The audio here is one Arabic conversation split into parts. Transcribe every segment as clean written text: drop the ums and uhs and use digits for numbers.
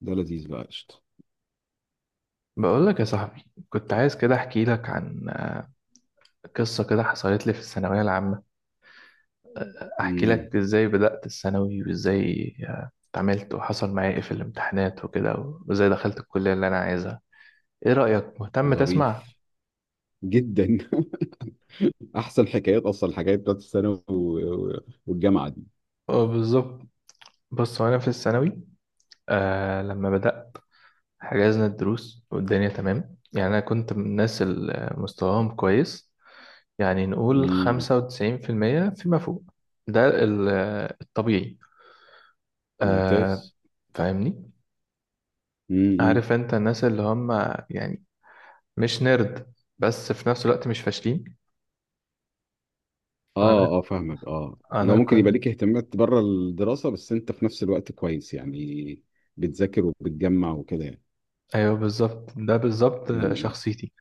ده لذيذ بقى، قشطة. بقول لك يا صاحبي، كنت عايز كده احكي لك عن قصة كده حصلت لي في الثانوية العامة. احكي امم. لك ازاي بدأت الثانوي، وازاي اتعاملت وحصل معايا ايه في الامتحانات وكده، وازاي دخلت الكلية اللي انا عايزها. ايه رأيك، مهتم تسمع؟ ظريف جدا. احسن حكايات، اصلا الحكايات بتاعت الثانوي والجامعه دي. اه بالظبط. بص، وانا في الثانوي لما بدأت حجزنا الدروس والدنيا تمام. يعني انا كنت من الناس اللي مستواهم كويس، يعني نقول امم. 95% فيما فوق. ده ال- الطبيعي. آه ممتاز. فاهمني، امم. عارف انت الناس اللي هم يعني مش نرد، بس في نفس الوقت مش فاشلين. انا اه، اه، فاهمك. اه، لو انا ممكن يبقى كنت. ليك اهتمامات بره الدراسه، بس انت في نفس الوقت كويس يعني بتذاكر وبتجمع وكده يعني. ايوه بالظبط، ده بالظبط امم. شخصيتي.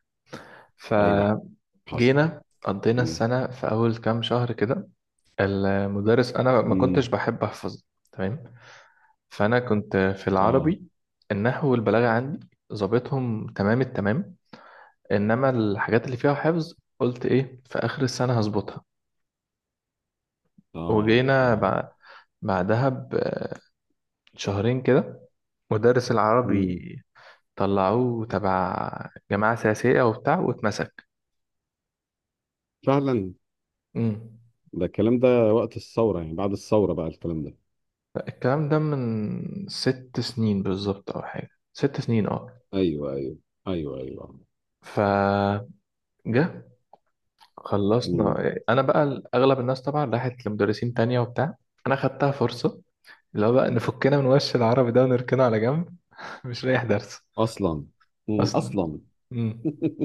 ايوه، فجينا حصل. قضينا امم، السنة في أول كام شهر كده، المدرس، أنا ما كنتش امم. بحب أحفظ تمام. فأنا كنت في اه، العربي، النحو والبلاغة عندي ظابطهم تمام التمام. إنما الحاجات اللي فيها حفظ قلت إيه، في آخر السنة هظبطها. اه، وجينا اه. بعدها بشهرين كده مدرس العربي امم. طلعوه تبع جماعة سياسية وبتاع واتمسك. فعلا. امم. ده الكلام ده وقت الثوره، يعني بعد الثوره بقى الكلام ده؟ الكلام ده من 6 سنين بالظبط، أو حاجة 6 سنين اه. ايوه، ايوه. ايوه، ايوه. فجه مم. خلصنا، أنا بقى أغلب الناس طبعا راحت لمدرسين تانية وبتاع، أنا خدتها فرصة، اللي هو بقى نفكنا من وش العربي ده ونركنه على جنب. مش رايح درس اصلا. مم. أصلا. اصلا.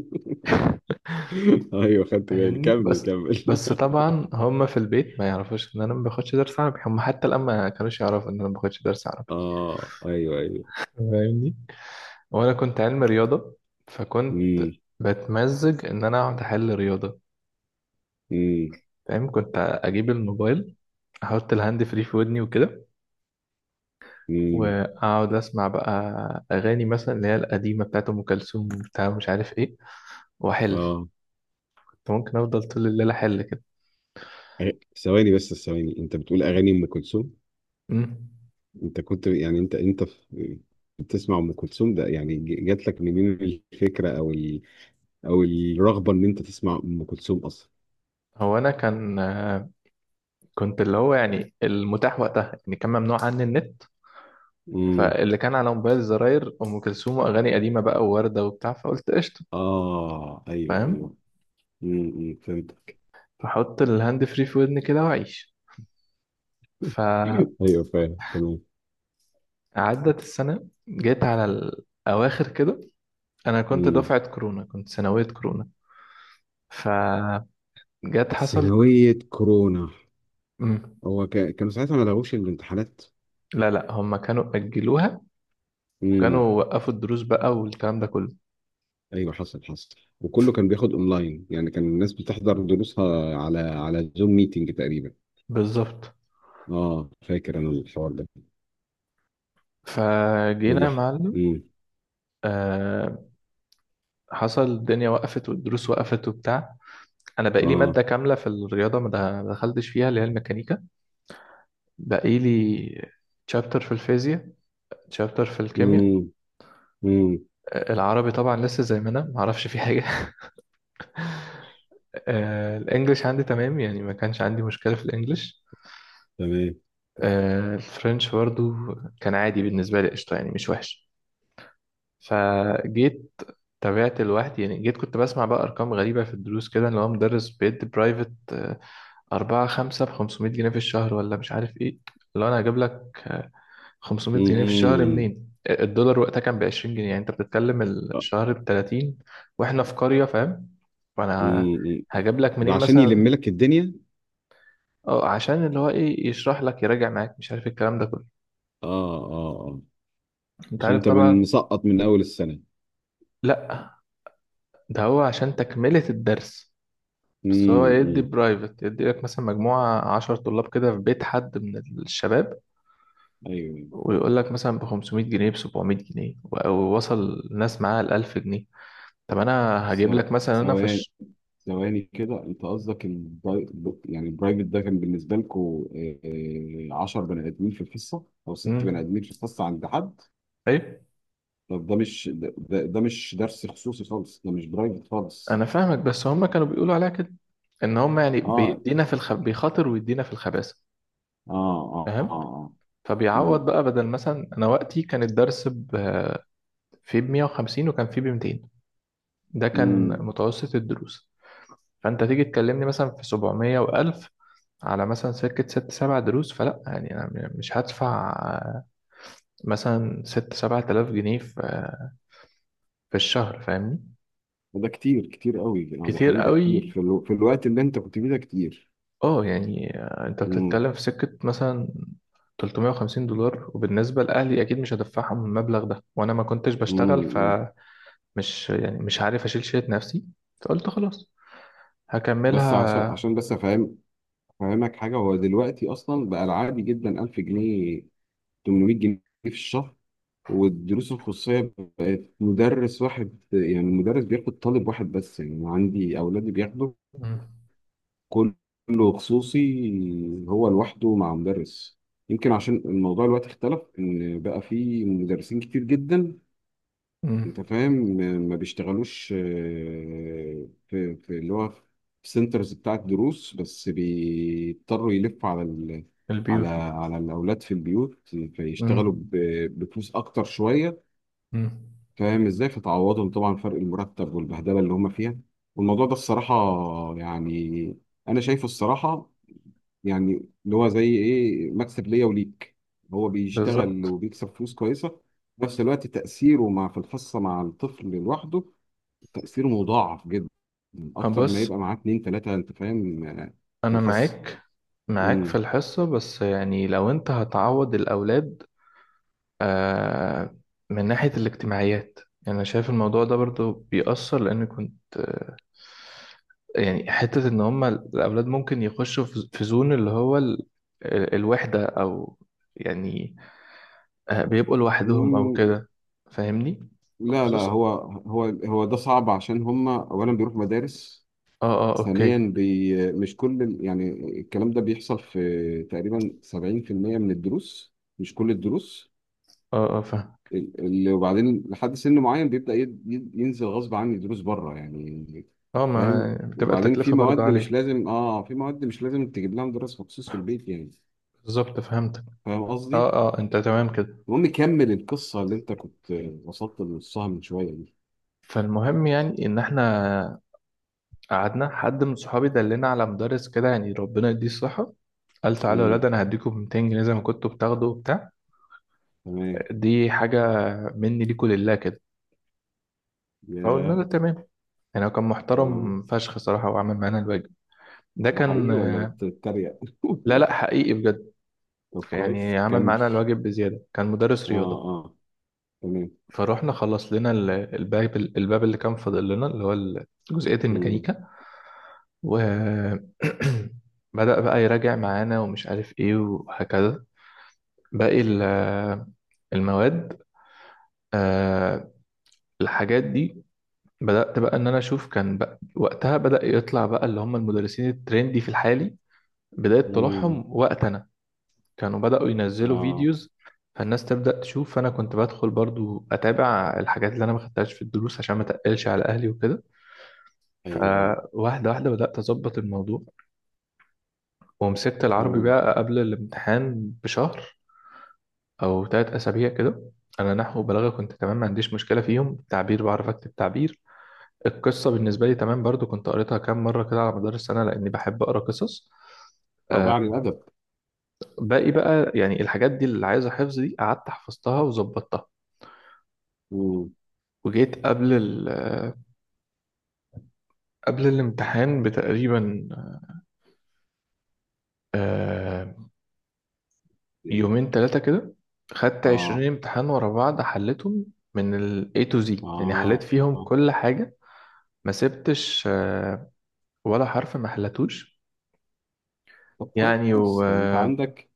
ايوه، خدت بالي، فاهمني كمل بس. كمل بس طبعا هم في البيت ما يعرفوش ان انا ما باخدش درس عربي، هم حتى الان ما كانوش يعرفوا ان انا ما باخدش درس عربي. اه، ايوه، ايوه. فاهمني. وانا كنت علم رياضه، فكنت امم، بتمزج ان انا اقعد احل رياضه. امم، فاهم، كنت اجيب الموبايل، احط الهاند فري في ودني وكده، امم، واقعد اسمع بقى اغاني مثلا، اللي هي القديمه بتاعت ام كلثوم بتاع مش عارف ايه، واحل. اه. كنت ممكن افضل طول الليل احل كده. أي- ثواني بس، ثواني، انت بتقول اغاني ام كلثوم؟ أمم. انت كنت، يعني، انت في بتسمع ام كلثوم ده؟ يعني جات لك منين الفكره، او او الرغبه ان انت تسمع ام كلثوم اصلا؟ هو انا كان كنت اللي هو يعني المتاح وقتها، يعني كان ممنوع عني النت، امم. فاللي كان على موبايل الزراير ام كلثوم واغاني قديمه بقى وورده وبتاع، فقلت قشطه. اه، ايوه، فاهم. ايوه. امم. فهمتك. فحط الهاند فري في ودني كده واعيش. فعدت ايوه، فاهم. السنه، جيت على الاواخر كده. انا كنت تمام. دفعه كورونا، كنت ثانويه كورونا. فجت، حصل. ثانوية كورونا؟ مم. هو كانوا ساعتها ما لغوش الامتحانات؟ لا لا، هم كانوا اجلوها امم. وكانوا وقفوا الدروس بقى والكلام ده كله. ايوه، حصل، حصل. وكله كان بياخد اونلاين، يعني كان الناس بتحضر دروسها على زوم ميتنج تقريبا. بالظبط. اه، فاكر انا الحوار ده. فجينا يا واللي. معلم، امم. آه، حصل الدنيا وقفت والدروس وقفت وبتاع. انا بقالي اه. ماده كامله في الرياضه ما دخلتش فيها، اللي هي الميكانيكا. بقالي تشابتر في الفيزياء، تشابتر في الكيمياء. امم، امم. العربي طبعا لسه زي ما انا ما اعرفش فيه حاجه. الانجليش عندي تمام، يعني ما كانش عندي مشكله في الانجليش. تمام. الفرنش برضو كان عادي بالنسبه لي، قشطه يعني مش وحش. فجيت تابعت لوحدي، يعني جيت كنت بسمع بقى أرقام غريبة في الدروس كده، اللي هو مدرس بيدي برايفت. أربعة خمسة بخمسمية جنيه في الشهر ولا مش عارف إيه. لو أنا هجيب لك خمسمية جنيه في الشهر امم، منين؟ الدولار وقتها كان ب 20 جنيه، يعني أنت بتتكلم الشهر ب 30، وإحنا في قرية فاهم، وأنا امم. هجيب لك ده منين عشان يلم مثلا. لك الدنيا؟ اه عشان اللي هو ايه، يشرح لك، يراجع معاك، مش عارف إيه الكلام ده كله. اه، اه، اه. انت عشان عارف انت من طبعا. مسقط من اول السنة. لا، ده هو عشان تكملة الدرس. بس هو امم، يدي امم. برايفت، يدي لك مثلا مجموعة 10 طلاب كده في بيت حد من الشباب، ايوه. ويقول لك مثلا ب 500 جنيه، ب 700 جنيه، ووصل الناس معاها ل 1000 جنيه. طب أنا هجيب لك مثلا أنا في ثواني، الش... ثواني كده، انت قصدك يعني البرايفت ده كان بالنسبه لكم 10 بني ادمين في الحصه، او ست بني مم. ادمين في الحصه عند حد؟ أيوة. طب ده مش ده، ده مش درس خصوصي خالص، ده مش برايفت خالص. أنا فاهمك، بس هم كانوا بيقولوا عليها كده، إن هم يعني اه، بيدينا في الخ... بيخاطر ويدينا في الخباثة. اه، اه، اه، فاهم. آه. فبيعوض امم، بقى، بدل مثلا أنا وقتي كان الدرس ب... فيه ب 150 وكان فيه ب 200، ده كان امم. متوسط الدروس. فانت تيجي تكلمني مثلا في 700 و1000 على مثلا سكة ست سبع دروس، فلا يعني أنا مش هدفع مثلا ست سبعة آلاف جنيه في في الشهر فاهمني. ده كتير، كتير قوي. اه، ده كتير حقيقي. ده كتير قوي في الوقت اللي انت كنت فيه ده كتير. اه. يعني أنت امم، بتتكلم في سكة مثلا 350 دولار، وبالنسبة لأهلي أكيد مش هدفعهم المبلغ ده، وأنا ما كنتش بشتغل امم. فمش يعني مش عارف أشيل شيء نفسي. فقلت خلاص بس عشان هكملها. عشان بس افهم، افهمك حاجه. هو دلوقتي اصلا بقى العادي جدا 1000 جنيه، 800 جنيه في الشهر. والدروس الخصوصية بقت مدرس واحد، يعني المدرس بياخد طالب واحد بس، يعني أنا عندي أولادي بياخدوا مم. كله خصوصي، هو لوحده مع مدرس. يمكن عشان الموضوع الوقت اختلف، إن بقى في مدرسين كتير جدا. أنت مم. فاهم، ما بيشتغلوش في اللي هو في سنترز بتاعة دروس، بس بيضطروا يلفوا على ال على البيوت. على الأولاد في البيوت، فيشتغلوا مم. بفلوس أكتر شوية. مم. فاهم ازاي؟ فتعوضهم طبعا فرق المرتب والبهدله اللي هم فيها. والموضوع ده الصراحه، يعني، انا شايفه الصراحه، يعني اللي هو زي ايه، مكسب ليا وليك. هو بيشتغل بالظبط. وبيكسب فلوس كويسه، في نفس الوقت تاثيره في الحصه مع الطفل لوحده، تاثيره مضاعف جدا، اكتر ما هبص، يبقى معاه اتنين تلاته. انت فاهم في انا الحصه. معاك، معاك في امم. الحصة، بس يعني لو انت هتعوض الاولاد آه من ناحية الاجتماعيات، يعني انا شايف الموضوع ده برضو بيأثر، لان كنت يعني حتة ان هما الاولاد ممكن يخشوا في في زون اللي هو الوحدة او يعني بيبقوا لوحدهم او أمم، كده. فاهمني. لا، لا، خصوصا. هو هو ده صعب، عشان هم اولا بيروحوا مدارس، اه، اه ثانيا اوكي. مش كل يعني الكلام ده بيحصل في تقريبا 70% من الدروس، مش كل الدروس. اه اه فاهم. ال- وبعدين لحد سن معين بيبدأ ينزل غصب عني دروس بره يعني. اه، ما فاهم، بتبقى وبعدين التكلفة برضه عالية. في مواد مش لازم تجيب لها مدرس مخصوص في البيت يعني. بالظبط فهمتك. فاهم قصدي؟ اه اه، انت تمام كده. المهم، كمل القصة اللي انت كنت وصلت لنصها من شوية دي. فالمهم، يعني ان احنا قعدنا، حد من صحابي دلنا على مدرس كده يعني ربنا يديه الصحه. قال تعالوا يا ولاد، امم. انا هديكم 200 جنيه زي ما كنتوا بتاخدوا وبتاع. تمام. دي حاجه مني ليكوا لله كده. فقلنا ياه. له تمام. يعني هو كان آه. محترم فشخ صراحه، وعمل معانا الواجب. ده ده كان. حقيقي ولا بتتريق؟ لا لا، حقيقي بجد. طب يعني كويس، عمل كمل. معانا الواجب بزياده، كان مدرس اه، رياضه. اه، تمام. فروحنا خلص لنا الباب اللي كان فاضل لنا اللي هو جزئية مم. الميكانيكا. و بدأ بقى يراجع معانا ومش عارف ايه وهكذا باقي المواد. آه، الحاجات دي بدأت بقى ان انا اشوف، كان بقى وقتها بدأ يطلع بقى اللي هم المدرسين الترندي في الحالي، بداية مم. طلوعهم وقت انا كانوا بدأوا ينزلوا اه، فيديوز، فالناس تبدأ تشوف. فانا كنت بدخل برضو اتابع الحاجات اللي انا ما خدتهاش في الدروس عشان ما تقلش على اهلي وكده. ايوه، ايوه. فواحدة واحدة بدأت أظبط الموضوع. ومسكت العربي مم. بقى قبل الامتحان بشهر أو تلات أسابيع كده. أنا نحو وبلاغة كنت تمام، ما عنديش مشكلة فيهم. تعبير بعرف أكتب تعبير. القصة بالنسبة لي تمام برضو، كنت قريتها كام مرة كده على مدار السنة لأني بحب أقرأ قصص. رباعي آه، عن الادب؟ باقي بقى يعني الحاجات دي اللي عايزة حفظ دي قعدت حفظتها وظبطتها. مم. وجيت قبل ال قبل الامتحان بتقريبا آه، إيه. يومين تلاتة كده، خدت عشرين اه، امتحان ورا بعض حليتهم من ال A to Z. يعني حليت اه، فيهم آه. كل حاجة، ما سبتش ولا حرف ما حلتوش. طب يعني و كويس. طب انت عندك،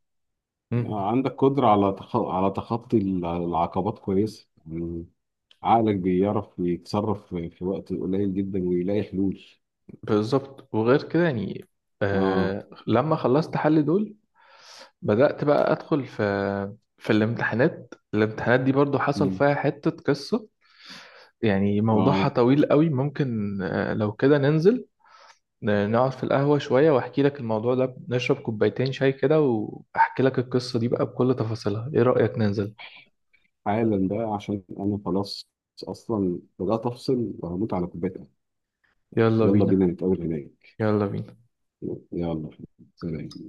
مم، عندك قدرة على تخطي العقبات كويس يعني. عقلك بيعرف يتصرف في وقت قليل جدا ويلاقي حلول. بالظبط. وغير كده يعني اه. لما خلصت حل دول بدأت بقى أدخل في في الامتحانات. الامتحانات دي برضو حصل مم. فيها حتة قصة. يعني موضوعها اه. طويل قوي، ممكن لو كده ننزل نقعد في القهوة شوية وأحكي لك الموضوع ده، نشرب كوبايتين شاي كده وأحكي لك القصة دي بقى بكل تفاصيلها. إيه رأيك، ننزل؟ حالا بقى، عشان انا خلاص، اصلا بدأت افصل وهموت على كوبايه قهوة. يلا يلا بينا. بينا نتقابل هناك. يلا بينا. يلا. سلام.